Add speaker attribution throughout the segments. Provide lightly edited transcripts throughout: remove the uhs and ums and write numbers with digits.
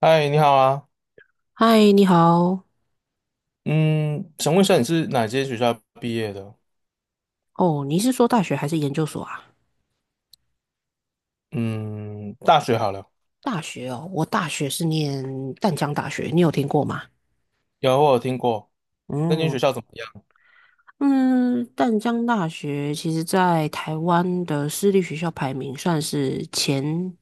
Speaker 1: 嗨，你好啊。
Speaker 2: 嗨，你好。
Speaker 1: 嗯，想问一下你是哪间学校毕业的？
Speaker 2: 哦，你是说大学还是研究所啊？
Speaker 1: 嗯，大学好了，
Speaker 2: 大学哦，我大学是念淡江大学，你有听过吗？
Speaker 1: 我有听过。那间学
Speaker 2: 嗯
Speaker 1: 校怎么样？
Speaker 2: 嗯，淡江大学其实在台湾的私立学校排名算是前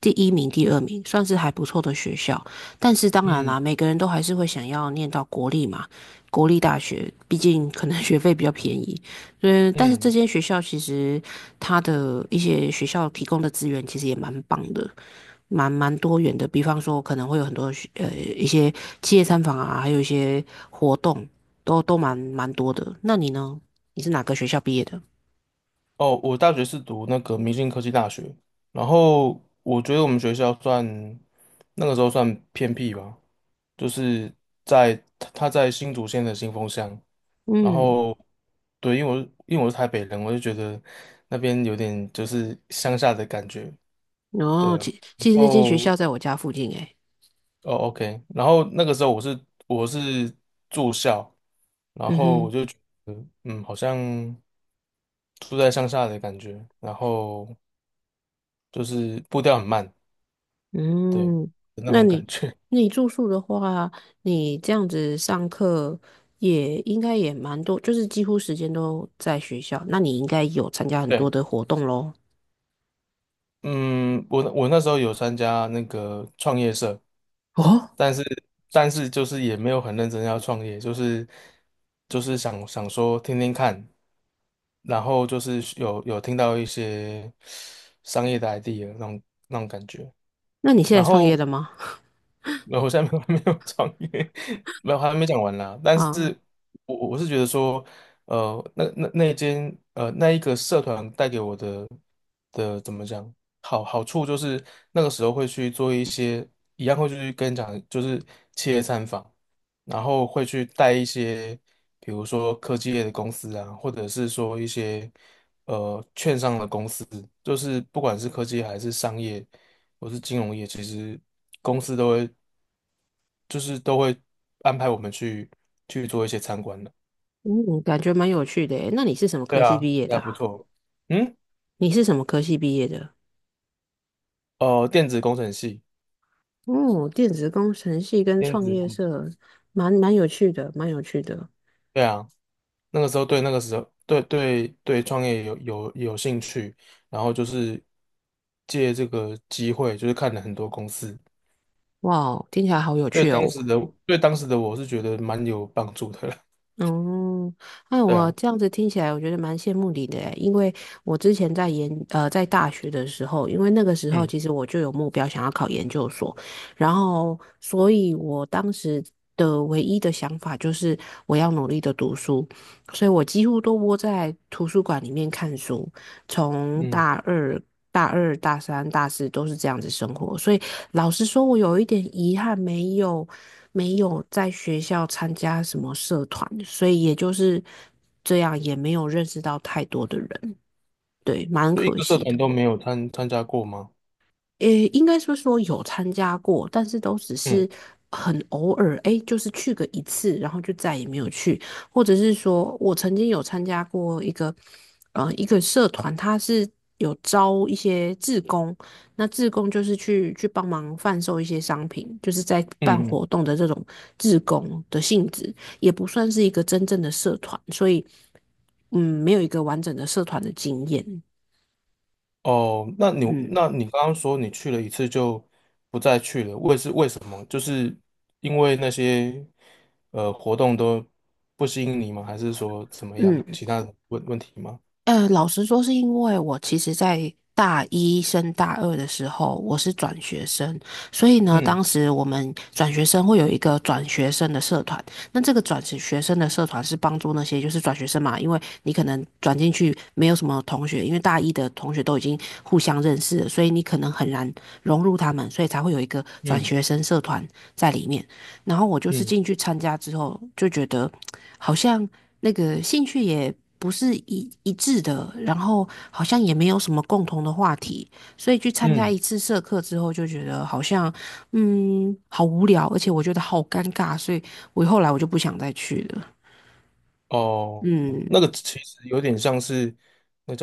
Speaker 2: 第一名、第二名，算是还不错的学校。但是当然
Speaker 1: 嗯
Speaker 2: 啦，每个人都还是会想要念到国立嘛，国立大学，毕竟可能 学费比较便宜。嗯，但是这
Speaker 1: 嗯，
Speaker 2: 间学校其实它的一些学校提供的资源其实也蛮棒的。蛮多元的，比方说可能会有很多学一些企业参访啊，还有一些活动，都蛮多的。那你呢？你是哪个学校毕业的？
Speaker 1: 哦，我大学是读那个明星科技大学，然后我觉得我们学校那个时候算偏僻吧，就是在他在新竹县的新丰乡，然
Speaker 2: 嗯，
Speaker 1: 后对，因为我是台北人，我就觉得那边有点就是乡下的感觉，对
Speaker 2: 哦，
Speaker 1: 啊。
Speaker 2: 其
Speaker 1: 然
Speaker 2: 其实那间学
Speaker 1: 后
Speaker 2: 校在我家附近诶。
Speaker 1: 哦，OK。然后那个时候我是住校，然
Speaker 2: 嗯
Speaker 1: 后我
Speaker 2: 哼。
Speaker 1: 就觉得好像住在乡下的感觉，然后就是步调很慢，对，
Speaker 2: 嗯，
Speaker 1: 有那
Speaker 2: 那
Speaker 1: 种感
Speaker 2: 你
Speaker 1: 觉。
Speaker 2: 那你住宿的话，你这样子上课也应该也蛮多，就是几乎时间都在学校，那你应该有参加 很多
Speaker 1: 对。
Speaker 2: 的活动喽。
Speaker 1: 嗯，我那时候有参加那个创业社，
Speaker 2: 哦，
Speaker 1: 但是但是就是也没有很认真要创业，就是想想说听听看，然后就是有听到一些商业的 idea 那种感觉，
Speaker 2: 那你现在
Speaker 1: 然
Speaker 2: 创业
Speaker 1: 后。
Speaker 2: 了吗？
Speaker 1: 没有，我现在没有 没有创业，没有还没讲完啦。但
Speaker 2: 啊。
Speaker 1: 是我是觉得说，那一个社团带给我的怎么讲好处就是那个时候会去做一些一样会去跟你讲，就是企业参访，然后会去带一些比如说科技业的公司啊，或者是说一些券商的公司，就是不管是科技还是商业。或是金融业，其实公司都会就是都会安排我们去做一些参观的。
Speaker 2: 嗯，感觉蛮有趣的诶。那你是什么
Speaker 1: 对
Speaker 2: 科系
Speaker 1: 啊，
Speaker 2: 毕业的
Speaker 1: 还不
Speaker 2: 啊？
Speaker 1: 错。嗯，
Speaker 2: 你是什么科系毕业的？
Speaker 1: 电子工程系，
Speaker 2: 哦，电子工程系跟
Speaker 1: 电
Speaker 2: 创
Speaker 1: 子
Speaker 2: 业
Speaker 1: 工程，
Speaker 2: 社，蛮有趣的，蛮有趣的。
Speaker 1: 对啊，那个时候对对对创业有兴趣，然后就是借这个机会，就是看了很多公司。
Speaker 2: 哇哦，听起来好有
Speaker 1: 对
Speaker 2: 趣
Speaker 1: 当
Speaker 2: 哦！
Speaker 1: 时的对当时的我是觉得蛮有帮助的了。
Speaker 2: 哦，那
Speaker 1: 对
Speaker 2: 我
Speaker 1: 啊，
Speaker 2: 这样子听起来，我觉得蛮羡慕你的诶。因为我之前在在大学的时候，因为那个时候
Speaker 1: 嗯
Speaker 2: 其实我就有目标想要考研究所，然后所以我当时的唯一的想法就是我要努力的读书，所以我几乎都窝在图书馆里面看书，从
Speaker 1: 嗯，
Speaker 2: 大三、大四都是这样子生活，所以老实说，我有一点遗憾，没有在学校参加什么社团，所以也就是这样，也没有认识到太多的人，对，蛮
Speaker 1: 就一
Speaker 2: 可
Speaker 1: 个社
Speaker 2: 惜
Speaker 1: 团
Speaker 2: 的。
Speaker 1: 都没有参加过吗？
Speaker 2: 诶，应该说有参加过，但是都只是
Speaker 1: 嗯
Speaker 2: 很偶尔，哎，就是去个一次，然后就再也没有去，或者是说我曾经有参加过一个，一个社团，它是有招一些志工，那志工就是去帮忙贩售一些商品，就是在办
Speaker 1: 嗯
Speaker 2: 活
Speaker 1: 嗯。
Speaker 2: 动的这种志工的性质，也不算是一个真正的社团，所以，嗯，没有一个完整的社团的经验，
Speaker 1: 哦，那你
Speaker 2: 嗯。
Speaker 1: 那你刚刚说你去了一次就不再去了，为什么？就是因为那些活动都不吸引你吗？还是说怎么样？
Speaker 2: 嗯，
Speaker 1: 其他的问题吗？
Speaker 2: 老实说，是因为我其实，在大一升大二的时候，我是转学生，所以呢，
Speaker 1: 嗯
Speaker 2: 当时我们转学生会有一个转学生的社团。那这个转学生的社团是帮助那些就是转学生嘛，因为你可能转进去没有什么同学，因为大一的同学都已经互相认识了，所以你可能很难融入他们，所以才会有一个转
Speaker 1: 嗯
Speaker 2: 学生社团在里面。然后我就是
Speaker 1: 嗯
Speaker 2: 进去参加之后，就觉得 好像那个兴趣也不是一致的，然后好像也没有什么共同的话题，所以去参加
Speaker 1: 嗯，
Speaker 2: 一次社课之后，就觉得好像好无聊，而且我觉得好尴尬，所以我后来就不想再去了。
Speaker 1: 哦，
Speaker 2: 嗯。
Speaker 1: 那个其实有点像是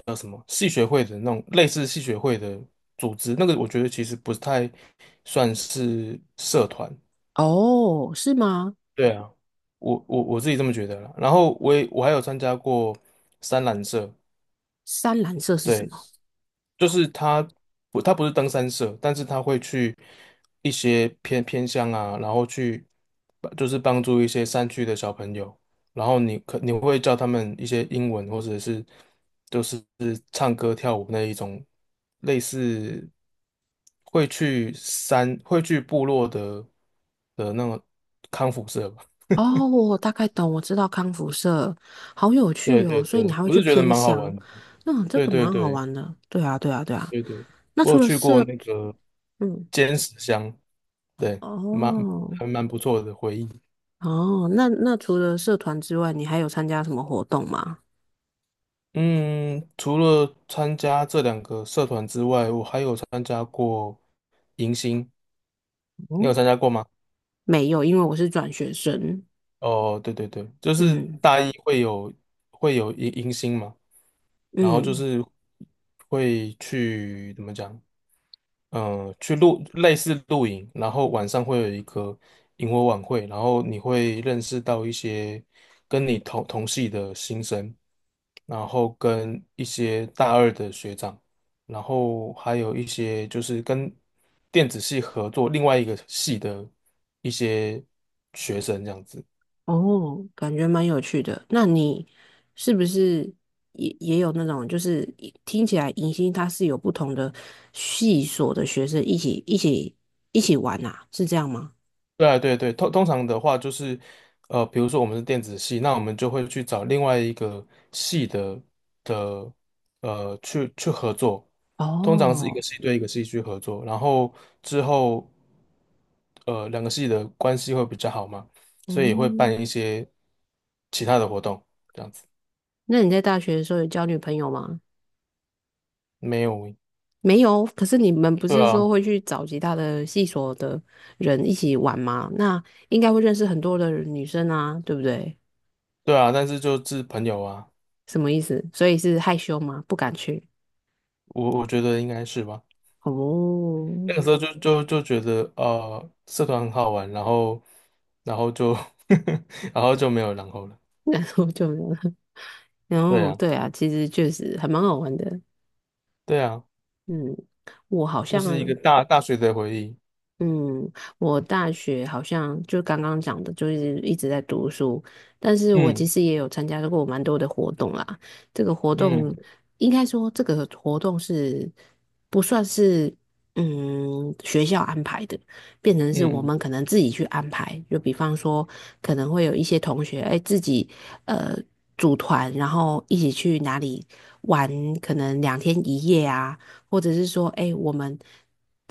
Speaker 1: 叫什么系学会的那种类似系学会的组织，那个我觉得其实不太算是社团，
Speaker 2: 哦，是吗？
Speaker 1: 对啊，我自己这么觉得了。然后我还有参加过三蓝色，
Speaker 2: 三蓝色是什
Speaker 1: 对，
Speaker 2: 么？
Speaker 1: 就是他不是登山社，但是他会去一些偏乡啊，然后去就是帮助一些山区的小朋友，然后你会教他们一些英文或者是就是唱歌跳舞那一种类似会去部落的那种康复社吧。
Speaker 2: 哦，我大概懂，我知道康复社，好有趣
Speaker 1: 对对
Speaker 2: 哦，所以你
Speaker 1: 对，
Speaker 2: 还会
Speaker 1: 我
Speaker 2: 去
Speaker 1: 是觉得
Speaker 2: 偏
Speaker 1: 蛮好
Speaker 2: 乡。
Speaker 1: 玩的。
Speaker 2: 那这
Speaker 1: 对
Speaker 2: 个
Speaker 1: 对
Speaker 2: 蛮好
Speaker 1: 对
Speaker 2: 玩的。对啊，对啊，对啊。
Speaker 1: 对对，
Speaker 2: 那
Speaker 1: 我
Speaker 2: 除
Speaker 1: 有
Speaker 2: 了
Speaker 1: 去
Speaker 2: 社，
Speaker 1: 过那个
Speaker 2: 嗯，
Speaker 1: 尖石乡，对，蛮
Speaker 2: 哦。
Speaker 1: 还蛮不错的回忆。
Speaker 2: 哦，那那除了社团之外，你还有参加什么活动吗？
Speaker 1: 嗯，除了参加这两个社团之外，我还有参加过迎新，你
Speaker 2: 哦，
Speaker 1: 有参加过吗？
Speaker 2: 没有，因为我是转学生。
Speaker 1: 哦，对对对，就是
Speaker 2: 嗯
Speaker 1: 大一会有迎新嘛，然后就
Speaker 2: 嗯。
Speaker 1: 是会去怎么讲？类似露营，然后晚上会有一个萤火晚会，然后你会认识到一些跟你同系的新生，然后跟一些大二的学长，然后还有一些就是跟电子系合作另外一个系的一些学生这样子。
Speaker 2: 哦，感觉蛮有趣的。那你是不是也有那种，就是一听起来迎新它是有不同的系所的学生一起玩呐、是这样吗？
Speaker 1: 对啊，对对，通常的话就是，比如说我们是电子系，那我们就会去找另外一个系的，去合作。通常是一个
Speaker 2: 哦。
Speaker 1: 系对一个系去合作，然后之后，两个系的关系会比较好嘛，所以也会
Speaker 2: 嗯，
Speaker 1: 办一些其他的活动，这样子。
Speaker 2: 那你在大学的时候有交女朋友吗？
Speaker 1: 没有，
Speaker 2: 没有，可是你们不
Speaker 1: 对
Speaker 2: 是
Speaker 1: 啊，
Speaker 2: 说会去找其他的系所的人一起玩吗？那应该会认识很多的女生啊，对不对？
Speaker 1: 对啊，但是就是朋友啊，
Speaker 2: 什么意思？所以是害羞吗？不敢去？
Speaker 1: 我觉得应该是吧。
Speaker 2: 哦。
Speaker 1: 那个时候就觉得社团很好玩，然后就 然后就没有然后了。
Speaker 2: 然后就没有了。然
Speaker 1: 对
Speaker 2: 后
Speaker 1: 啊，
Speaker 2: 对啊，其实确实还蛮好玩的。
Speaker 1: 对啊，
Speaker 2: 嗯，我好
Speaker 1: 就
Speaker 2: 像。
Speaker 1: 是一个大学的回忆。
Speaker 2: 嗯，我大学好像就刚刚讲的，就是一直在读书，但是我其
Speaker 1: 嗯
Speaker 2: 实也有参加过蛮多的活动啦。这个活动
Speaker 1: 嗯
Speaker 2: 应该说，这个活动是不算是学校安排的，变成是我
Speaker 1: 嗯嗯，
Speaker 2: 们可能自己去安排。就比方说，可能会有一些同学哎自己呃组团，然后一起去哪里玩，可能两天一夜啊。或者是说，哎，我们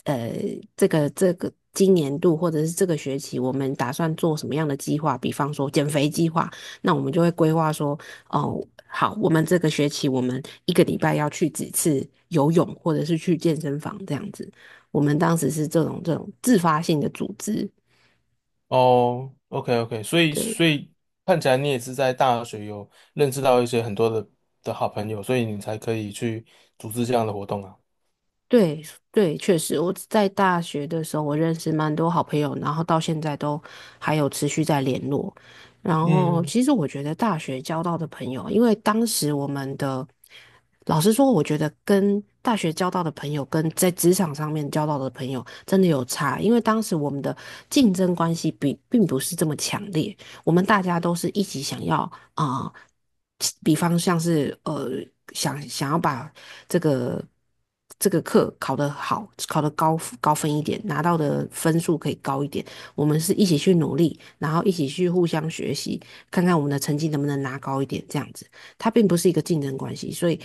Speaker 2: 呃，这个今年度或者是这个学期，我们打算做什么样的计划？比方说减肥计划，那我们就会规划说，哦，好，我们这个学期我们一个礼拜要去几次游泳，或者是去健身房这样子。我们当时是这种自发性的组织，
Speaker 1: 哦，OK OK，所以
Speaker 2: 对。
Speaker 1: 所以看起来你也是在大学有认识到一些很多的好朋友，所以你才可以去组织这样的活动啊。
Speaker 2: 对对，确实，我在大学的时候，我认识蛮多好朋友，然后到现在都还有持续在联络。然后，
Speaker 1: 嗯。
Speaker 2: 其实我觉得大学交到的朋友，因为当时我们的，老实说，我觉得跟大学交到的朋友跟在职场上面交到的朋友真的有差，因为当时我们的竞争关系比并不是这么强烈，我们大家都是一起想要啊、呃比方像是想要把这个这个课考得好，考得高分一点，拿到的分数可以高一点。我们是一起去努力，然后一起去互相学习，看看我们的成绩能不能拿高一点，这样子。它并不是一个竞争关系，所以，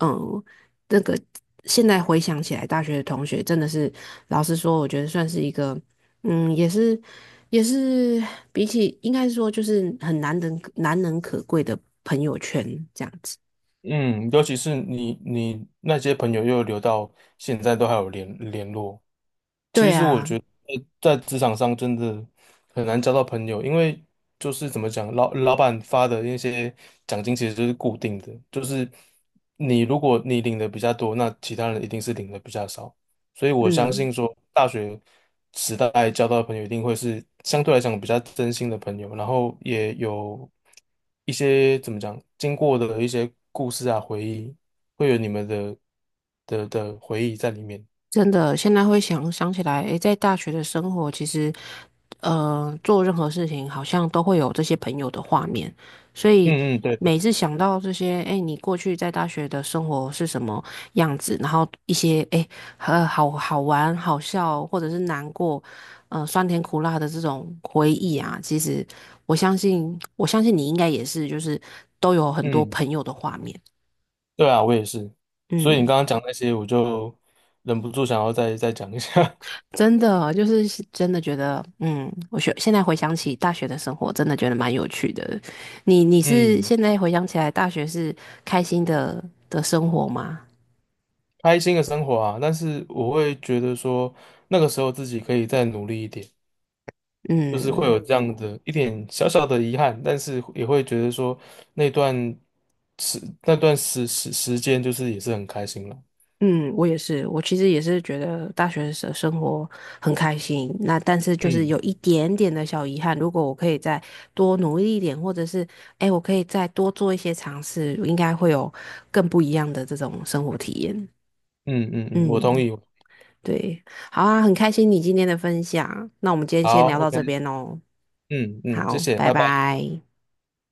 Speaker 2: 嗯，那个现在回想起来，大学的同学真的是，老实说，我觉得算是一个，嗯，也是比起应该说就是很难能难能可贵的朋友圈这样子。
Speaker 1: 嗯，尤其是你那些朋友又留到现在都还有联络。其
Speaker 2: 对
Speaker 1: 实我
Speaker 2: 啊，
Speaker 1: 觉得在职场上真的很难交到朋友，因为就是怎么讲，老板发的那些奖金其实就是固定的，就是你如果你领的比较多，那其他人一定是领的比较少。所以我相
Speaker 2: 嗯。
Speaker 1: 信说，大学时代交到的朋友一定会是相对来讲比较真心的朋友，然后也有一些怎么讲，经过的一些故事啊、回忆，会有你们的回忆在里面。
Speaker 2: 真的，现在会想起来，诶，在大学的生活，其实，呃，做任何事情好像都会有这些朋友的画面，所以
Speaker 1: 嗯嗯，对对，
Speaker 2: 每次想到这些，诶，你过去在大学的生活是什么样子，然后一些，诶，好玩、好笑，或者是难过，酸甜苦辣的这种回忆啊，其实我相信你应该也是，就是都有很多
Speaker 1: 嗯，
Speaker 2: 朋友的画面，
Speaker 1: 对啊，我也是。所以你
Speaker 2: 嗯。
Speaker 1: 刚刚讲那些，我就忍不住想要再讲一下。
Speaker 2: 真的就是真的觉得，嗯，现在回想起大学的生活，真的觉得蛮有趣的。你 是
Speaker 1: 嗯，
Speaker 2: 现在回想起来，大学是开心的生活吗？
Speaker 1: 开心的生活啊，但是我会觉得说，那个时候自己可以再努力一点。就是会
Speaker 2: 嗯
Speaker 1: 有这样的一点小小的遗憾，但是也会觉得说那段时那段时间就是也是很开心了。
Speaker 2: 嗯，我也是，我其实也是觉得大学的生活很开心。那但是就是有
Speaker 1: 嗯
Speaker 2: 一点点的小遗憾，如果我可以再多努力一点，或者是哎，我可以再多做一些尝试，应该会有更不一样的这种生活体验。
Speaker 1: 嗯嗯嗯，我
Speaker 2: 嗯。
Speaker 1: 同意。
Speaker 2: 对，好啊，很开心你今天的分享，那我们今天先
Speaker 1: 好
Speaker 2: 聊到这
Speaker 1: ，OK，
Speaker 2: 边哦，
Speaker 1: 嗯嗯，谢
Speaker 2: 好，
Speaker 1: 谢，
Speaker 2: 拜
Speaker 1: 拜拜。
Speaker 2: 拜。